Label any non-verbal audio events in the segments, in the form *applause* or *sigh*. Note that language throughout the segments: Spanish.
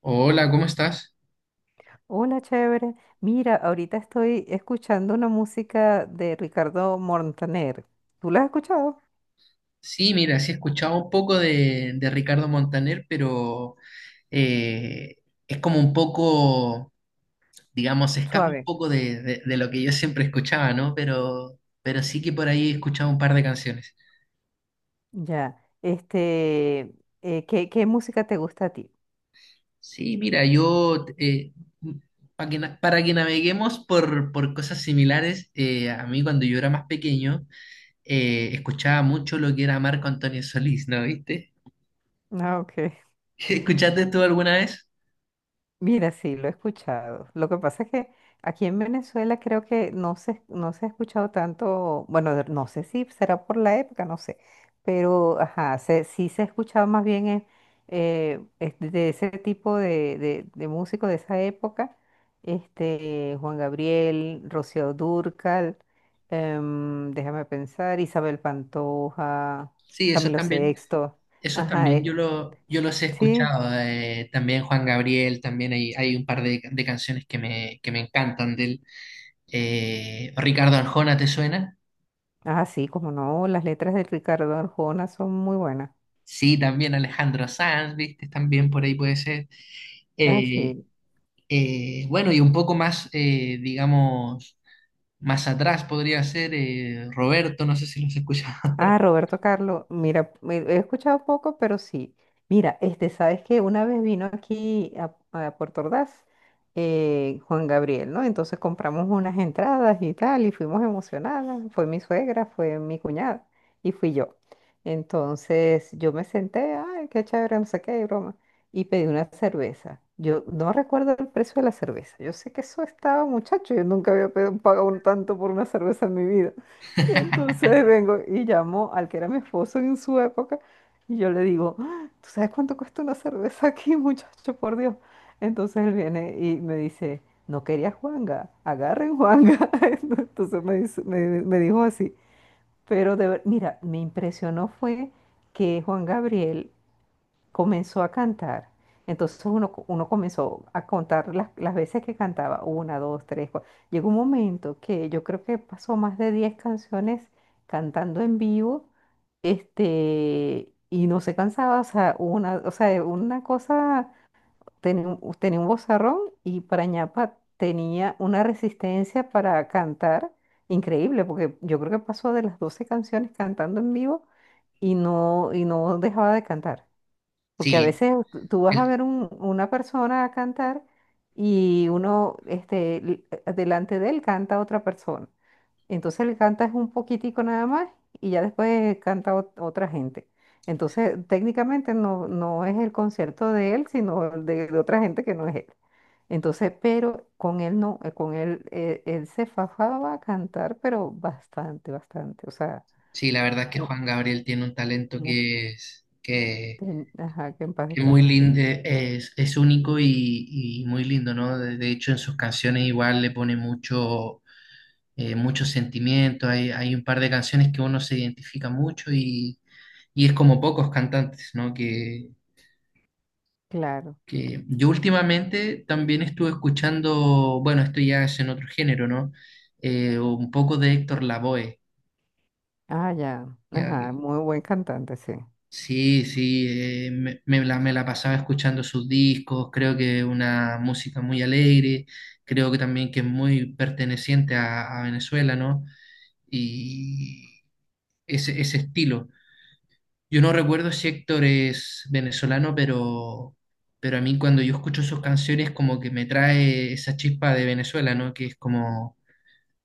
Hola, ¿cómo estás? Hola, chévere. Mira, ahorita estoy escuchando una música de Ricardo Montaner. ¿Tú la has escuchado? Sí, mira, sí he escuchado un poco de Ricardo Montaner, pero eh, es como un poco, digamos, se escapa un Suave. poco de lo que yo siempre escuchaba, ¿no? Pero sí que por ahí he escuchado un par de canciones. Ya. Este, ¿qué música te gusta a ti? Sí, mira, yo, para que naveguemos por cosas similares, a mí cuando yo era más pequeño, escuchaba mucho lo que era Marco Antonio Solís, ¿no? ¿Viste? Ah, ok. *laughs* ¿Escuchaste tú alguna vez? Mira, sí, lo he escuchado. Lo que pasa es que aquí en Venezuela creo que no se ha escuchado tanto, bueno, no sé si será por la época, no sé, pero ajá, sí se ha escuchado más bien este, de ese tipo de músicos de esa época, este, Juan Gabriel, Rocío Dúrcal, déjame pensar, Isabel Pantoja, Sí, eso Camilo también. Sexto, Eso ajá, también yo, lo, yo los he sí. escuchado, también Juan Gabriel, también hay un par de canciones que me encantan de él. Ricardo Arjona, ¿te suena? Ah, sí, como no, las letras de Ricardo Arjona son muy buenas. Sí, también Alejandro Sanz, ¿viste? También por ahí puede ser. Ah, Eh, sí. Bueno, y un poco más, digamos, más atrás podría ser Roberto, no sé si los has escuchado. Ah, Roberto Carlos, mira, he escuchado poco, pero sí. Mira, este, sabes que una vez vino a Puerto Ordaz Juan Gabriel, ¿no? Entonces compramos unas entradas y tal, y fuimos emocionadas. Fue mi suegra, fue mi cuñada y fui yo. Entonces yo me senté, ay, qué chévere, no sé qué, y broma, y pedí una cerveza. Yo no recuerdo el precio de la cerveza. Yo sé que eso estaba, muchacho, yo nunca había pagado un tanto por una cerveza en mi vida. *laughs* Y entonces *laughs* vengo y llamo al que era mi esposo en su época y yo le digo, "Ah, ¿tú sabes cuánto cuesta una cerveza aquí, *laughs* muchacho? Por Dios. Entonces él viene y me dice, no quería Juanga, agarren Juanga". *laughs* Entonces me dijo así. Pero mira, me impresionó fue que Juan Gabriel comenzó a cantar. Entonces uno comenzó a contar las veces que cantaba, una, dos, tres, cuatro. Llegó un momento que yo creo que pasó más de 10 canciones cantando en vivo, este, y no se cansaba, o sea, una cosa, tenía un vozarrón y para ñapa tenía una resistencia para cantar increíble, porque yo creo que pasó de las 12 canciones cantando en vivo y no dejaba de cantar. Porque a Sí, veces tú vas a el- ver una persona cantar y uno, este, delante de él canta otra persona. Entonces le cantas un poquitico nada más y ya después canta otra gente. Entonces técnicamente no es el concierto de él, sino de otra gente que no es él. Entonces, pero con él no, con él, él se fajaba a cantar, pero bastante, bastante. O sea, sí, la verdad es que u- Juan Gabriel tiene un talento una- ajá, que en paz que muy descanse, sí. lindo, es único y muy lindo, ¿no? De hecho, en sus canciones igual le pone mucho, mucho sentimiento. Hay un par de canciones que uno se identifica mucho y es como pocos cantantes, ¿no? Claro. Que yo últimamente también estuve escuchando, bueno, esto ya es en otro género, ¿no? Un poco de Héctor Lavoe, Ah, ya. ya. Ajá, muy buen cantante, sí. Sí, sí, me la pasaba escuchando sus discos, creo que una música muy alegre, creo que también que es muy perteneciente a Venezuela, ¿no? Y ese estilo. Yo no recuerdo si Héctor es venezolano, pero a mí cuando yo escucho sus canciones como que me trae esa chispa de Venezuela, ¿no? Que es como,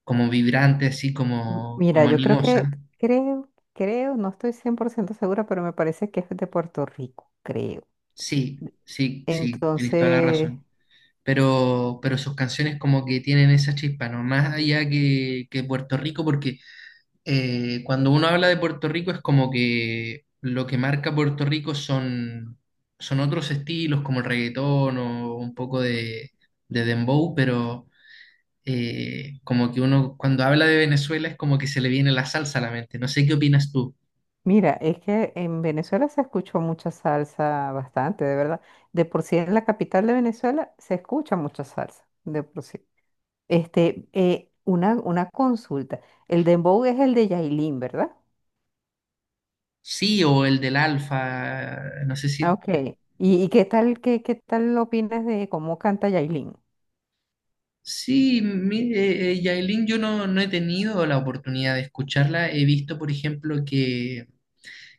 como vibrante, así como, Mira, como yo creo que, animosa. creo, creo, no estoy 100% segura, pero me parece que es de Puerto Rico, creo. Sí, sí, sí, tienes toda la Entonces, razón. Pero sus canciones como que tienen esa chispa, ¿no? Más allá que Puerto Rico, porque cuando uno habla de Puerto Rico es como que lo que marca Puerto Rico son, son otros estilos como el reggaetón o un poco de dembow, pero como que uno cuando habla de Venezuela es como que se le viene la salsa a la mente. No sé qué opinas tú. mira, es que en Venezuela se escuchó mucha salsa, bastante, de verdad. De por sí en la capital de Venezuela se escucha mucha salsa, de por sí. Este, una consulta. El dembow es el de Yailin, ¿verdad? Sí, o el del Alfa, no sé Ah, si. ok. Y qué tal, qué tal opinas de cómo canta Yailin? Sí, mire, Yailin, yo no, no he tenido la oportunidad de escucharla. He visto, por ejemplo,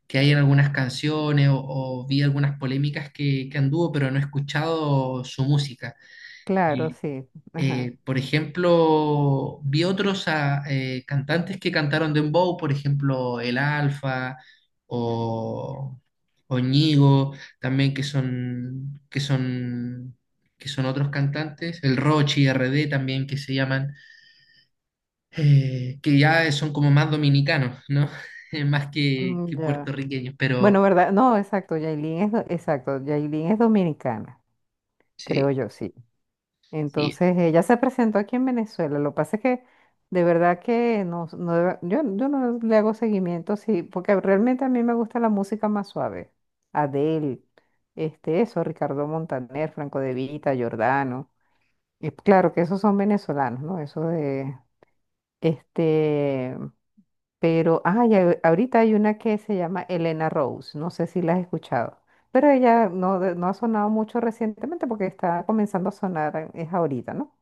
que hay en algunas canciones o vi algunas polémicas que anduvo, pero no he escuchado su música. Claro, Y, sí. Ajá. Por ejemplo, vi otros ah, cantantes que cantaron Dembow, por ejemplo, El Alfa o, o Ñigo, también que son, que son, que son otros cantantes, el Rochi, RD también que se llaman que ya son como más dominicanos, ¿no? *laughs* Más Mm, que ya. puertorriqueños, Bueno, pero ¿verdad? No, exacto. Exacto. Yailin es dominicana, sí, creo yo, sí. sí. Entonces, ella se presentó aquí en Venezuela. Lo que pasa es que de verdad que yo no le hago seguimiento, sí, porque realmente a mí me gusta la música más suave. Adele, este, eso, Ricardo Montaner, Franco De Vita, Giordano. Y claro que esos son venezolanos, ¿no? Este, Pero, ah, ya ahorita hay una que se llama Elena Rose, no sé si la has escuchado, pero ella no, de- no ha sonado mucho recientemente porque está comenzando a sonar, es ahorita, ¿no?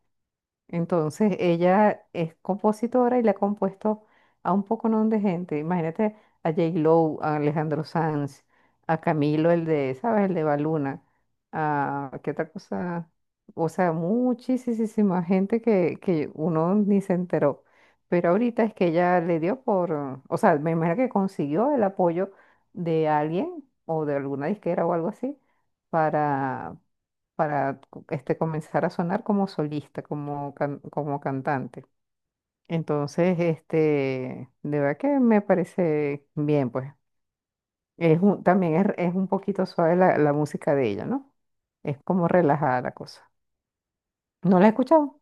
Entonces, ella es compositora y le ha compuesto a un poconón de gente. Imagínate a J-Lo, a Alejandro Sanz, a Camilo, el de, ¿sabes? El de Baluna, a qué otra cosa. O sea, muchísima gente que uno ni se enteró. Pero ahorita es que ella le dio por, o sea, me imagino que consiguió el apoyo de alguien o de alguna disquera o algo así para este, comenzar a sonar como solista, como cantante. Entonces, este, de verdad que me parece bien, pues. Es también es un poquito suave la, la música de ella, ¿no? Es como relajada la cosa. ¿No la he escuchado?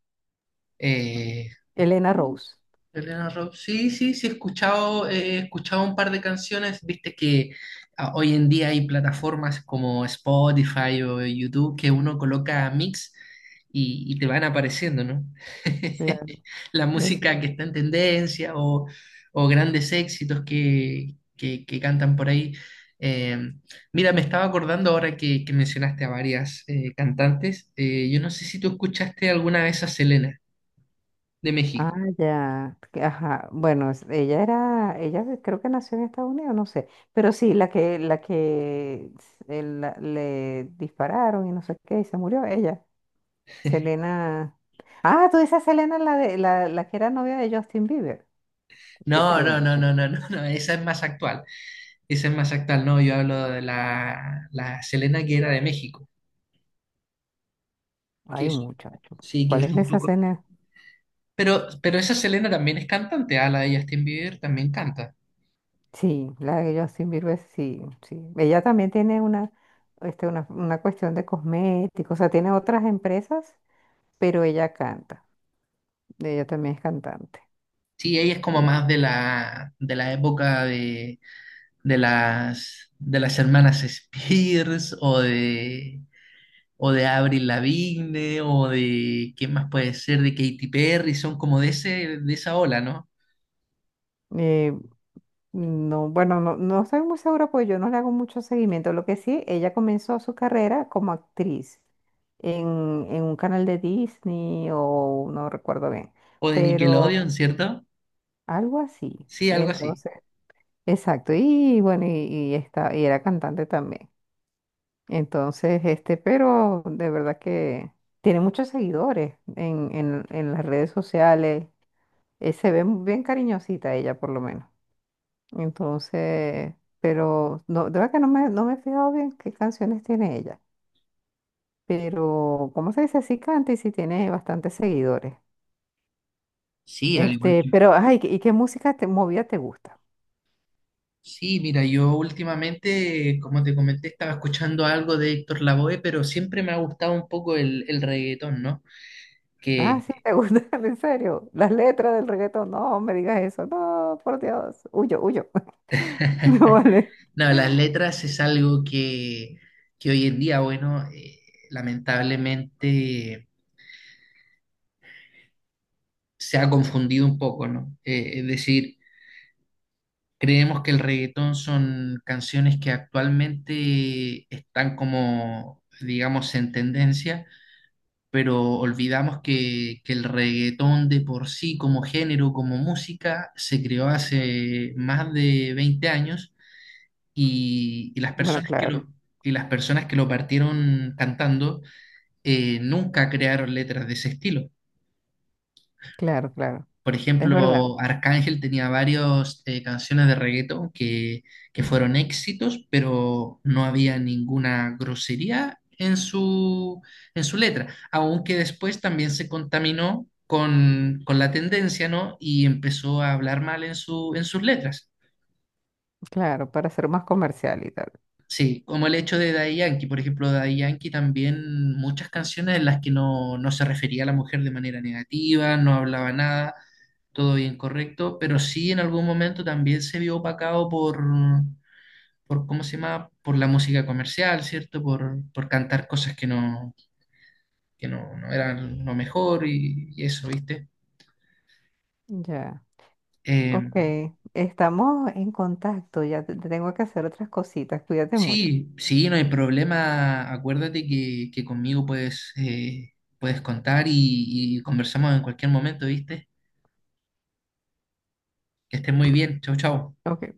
eh, Elena Rose. Elena Rob, sí, sí, sí, he escuchado un par de canciones, viste que ah, hoy en día hay plataformas como Spotify o YouTube que uno coloca mix y te van apareciendo, ¿no? *laughs* Claro, La esa. música que está en tendencia o grandes éxitos que cantan por ahí. Eh, mira, me estaba acordando ahora que mencionaste a varias cantantes. Yo no sé si tú escuchaste alguna vez a Selena de Ah, México. ya. Ajá. Bueno, ella era, ella creo que nació en Estados Unidos, no sé. Pero sí, la que le dispararon y no sé qué, y se murió ella. Selena. Ah, tú dices Selena, la que era novia de Justin Bieber. ¿Qué No, Selena, no, no, muchacho? no, no, no, no, esa es más actual. Esa es más actual, no, yo hablo de la, la Selena que era de México, que Ay, es, muchacho. sí, que ¿Cuál es es un esa poco... Selena? Pero esa Selena también es cantante, ah, la de Justin Bieber también canta. Sí, la de Justin Bieber, sí, sí. Ella también tiene una, este, una cuestión de cosméticos, o sea, tiene otras empresas, pero ella canta. Ella también es cantante. Sí, ella es como Sí. más de la época de las hermanas Spears o de Avril Lavigne o de, ¿qué más puede ser? De Katy Perry, son como de ese, de esa ola, ¿no? Eh, No, bueno, no estoy muy segura porque yo no le hago mucho seguimiento. Lo que sí, ella comenzó su carrera como actriz en, en un canal de Disney o no recuerdo bien, ¿O de Nickelodeon, pero cierto? algo así. Sí, algo así. Entonces, exacto. Y bueno, y está, y era cantante también. Entonces, este, pero de verdad que tiene muchos seguidores en las redes sociales. Eh, se ve bien cariñosita ella, por lo menos. Entonces, pero no, de verdad que no me he fijado bien qué canciones tiene ella. Pero, ¿cómo se dice? Sí canta y sí tiene bastantes seguidores. Sí, al igual Este, que... pero, ay, ¿y qué música movida te gusta? Sí, mira, yo últimamente, como te comenté, estaba escuchando algo de Héctor Lavoe, pero siempre me ha gustado un poco el reggaetón, ¿no? Ah, Que, sí, te gusta, *laughs* en serio. Las letras del reggaetón, no me digas eso, no, por Dios, huyo, huyo. *laughs* No *laughs* vale. no, las letras es algo que hoy en día, bueno, lamentablemente se ha confundido un poco, ¿no? Es decir, creemos que el reggaetón son canciones que actualmente están como, digamos, en tendencia pero olvidamos que el reggaetón de por sí, como género, como música, se creó hace más de 20 años y las Bueno, personas que lo, y las personas que lo partieron cantando nunca crearon letras de ese estilo. Claro. Por Es verdad, ejemplo, Arcángel tenía varias canciones de reggaetón que fueron éxitos, pero no había ninguna grosería en su letra, aunque después también se contaminó con la tendencia, ¿no? Y empezó a hablar mal en su, en sus letras. claro, para ser más comercial y tal. Sí, como el hecho de Daddy Yankee, por ejemplo, Daddy Yankee también muchas canciones en las que no, no se refería a la mujer de manera negativa, no hablaba nada, todo bien correcto, pero sí en algún momento también se vio opacado por ¿cómo se llama? Por la música comercial, ¿cierto? Por cantar cosas que no, no eran lo mejor y eso, ¿viste? Ya, Eh, ok. Estamos en contacto, tengo que hacer otras cositas, cuídate mucho. Sí, sí, no hay problema. Acuérdate que conmigo puedes, puedes contar y conversamos en cualquier momento, ¿viste? Que estés muy bien. Chau, chau. Ok.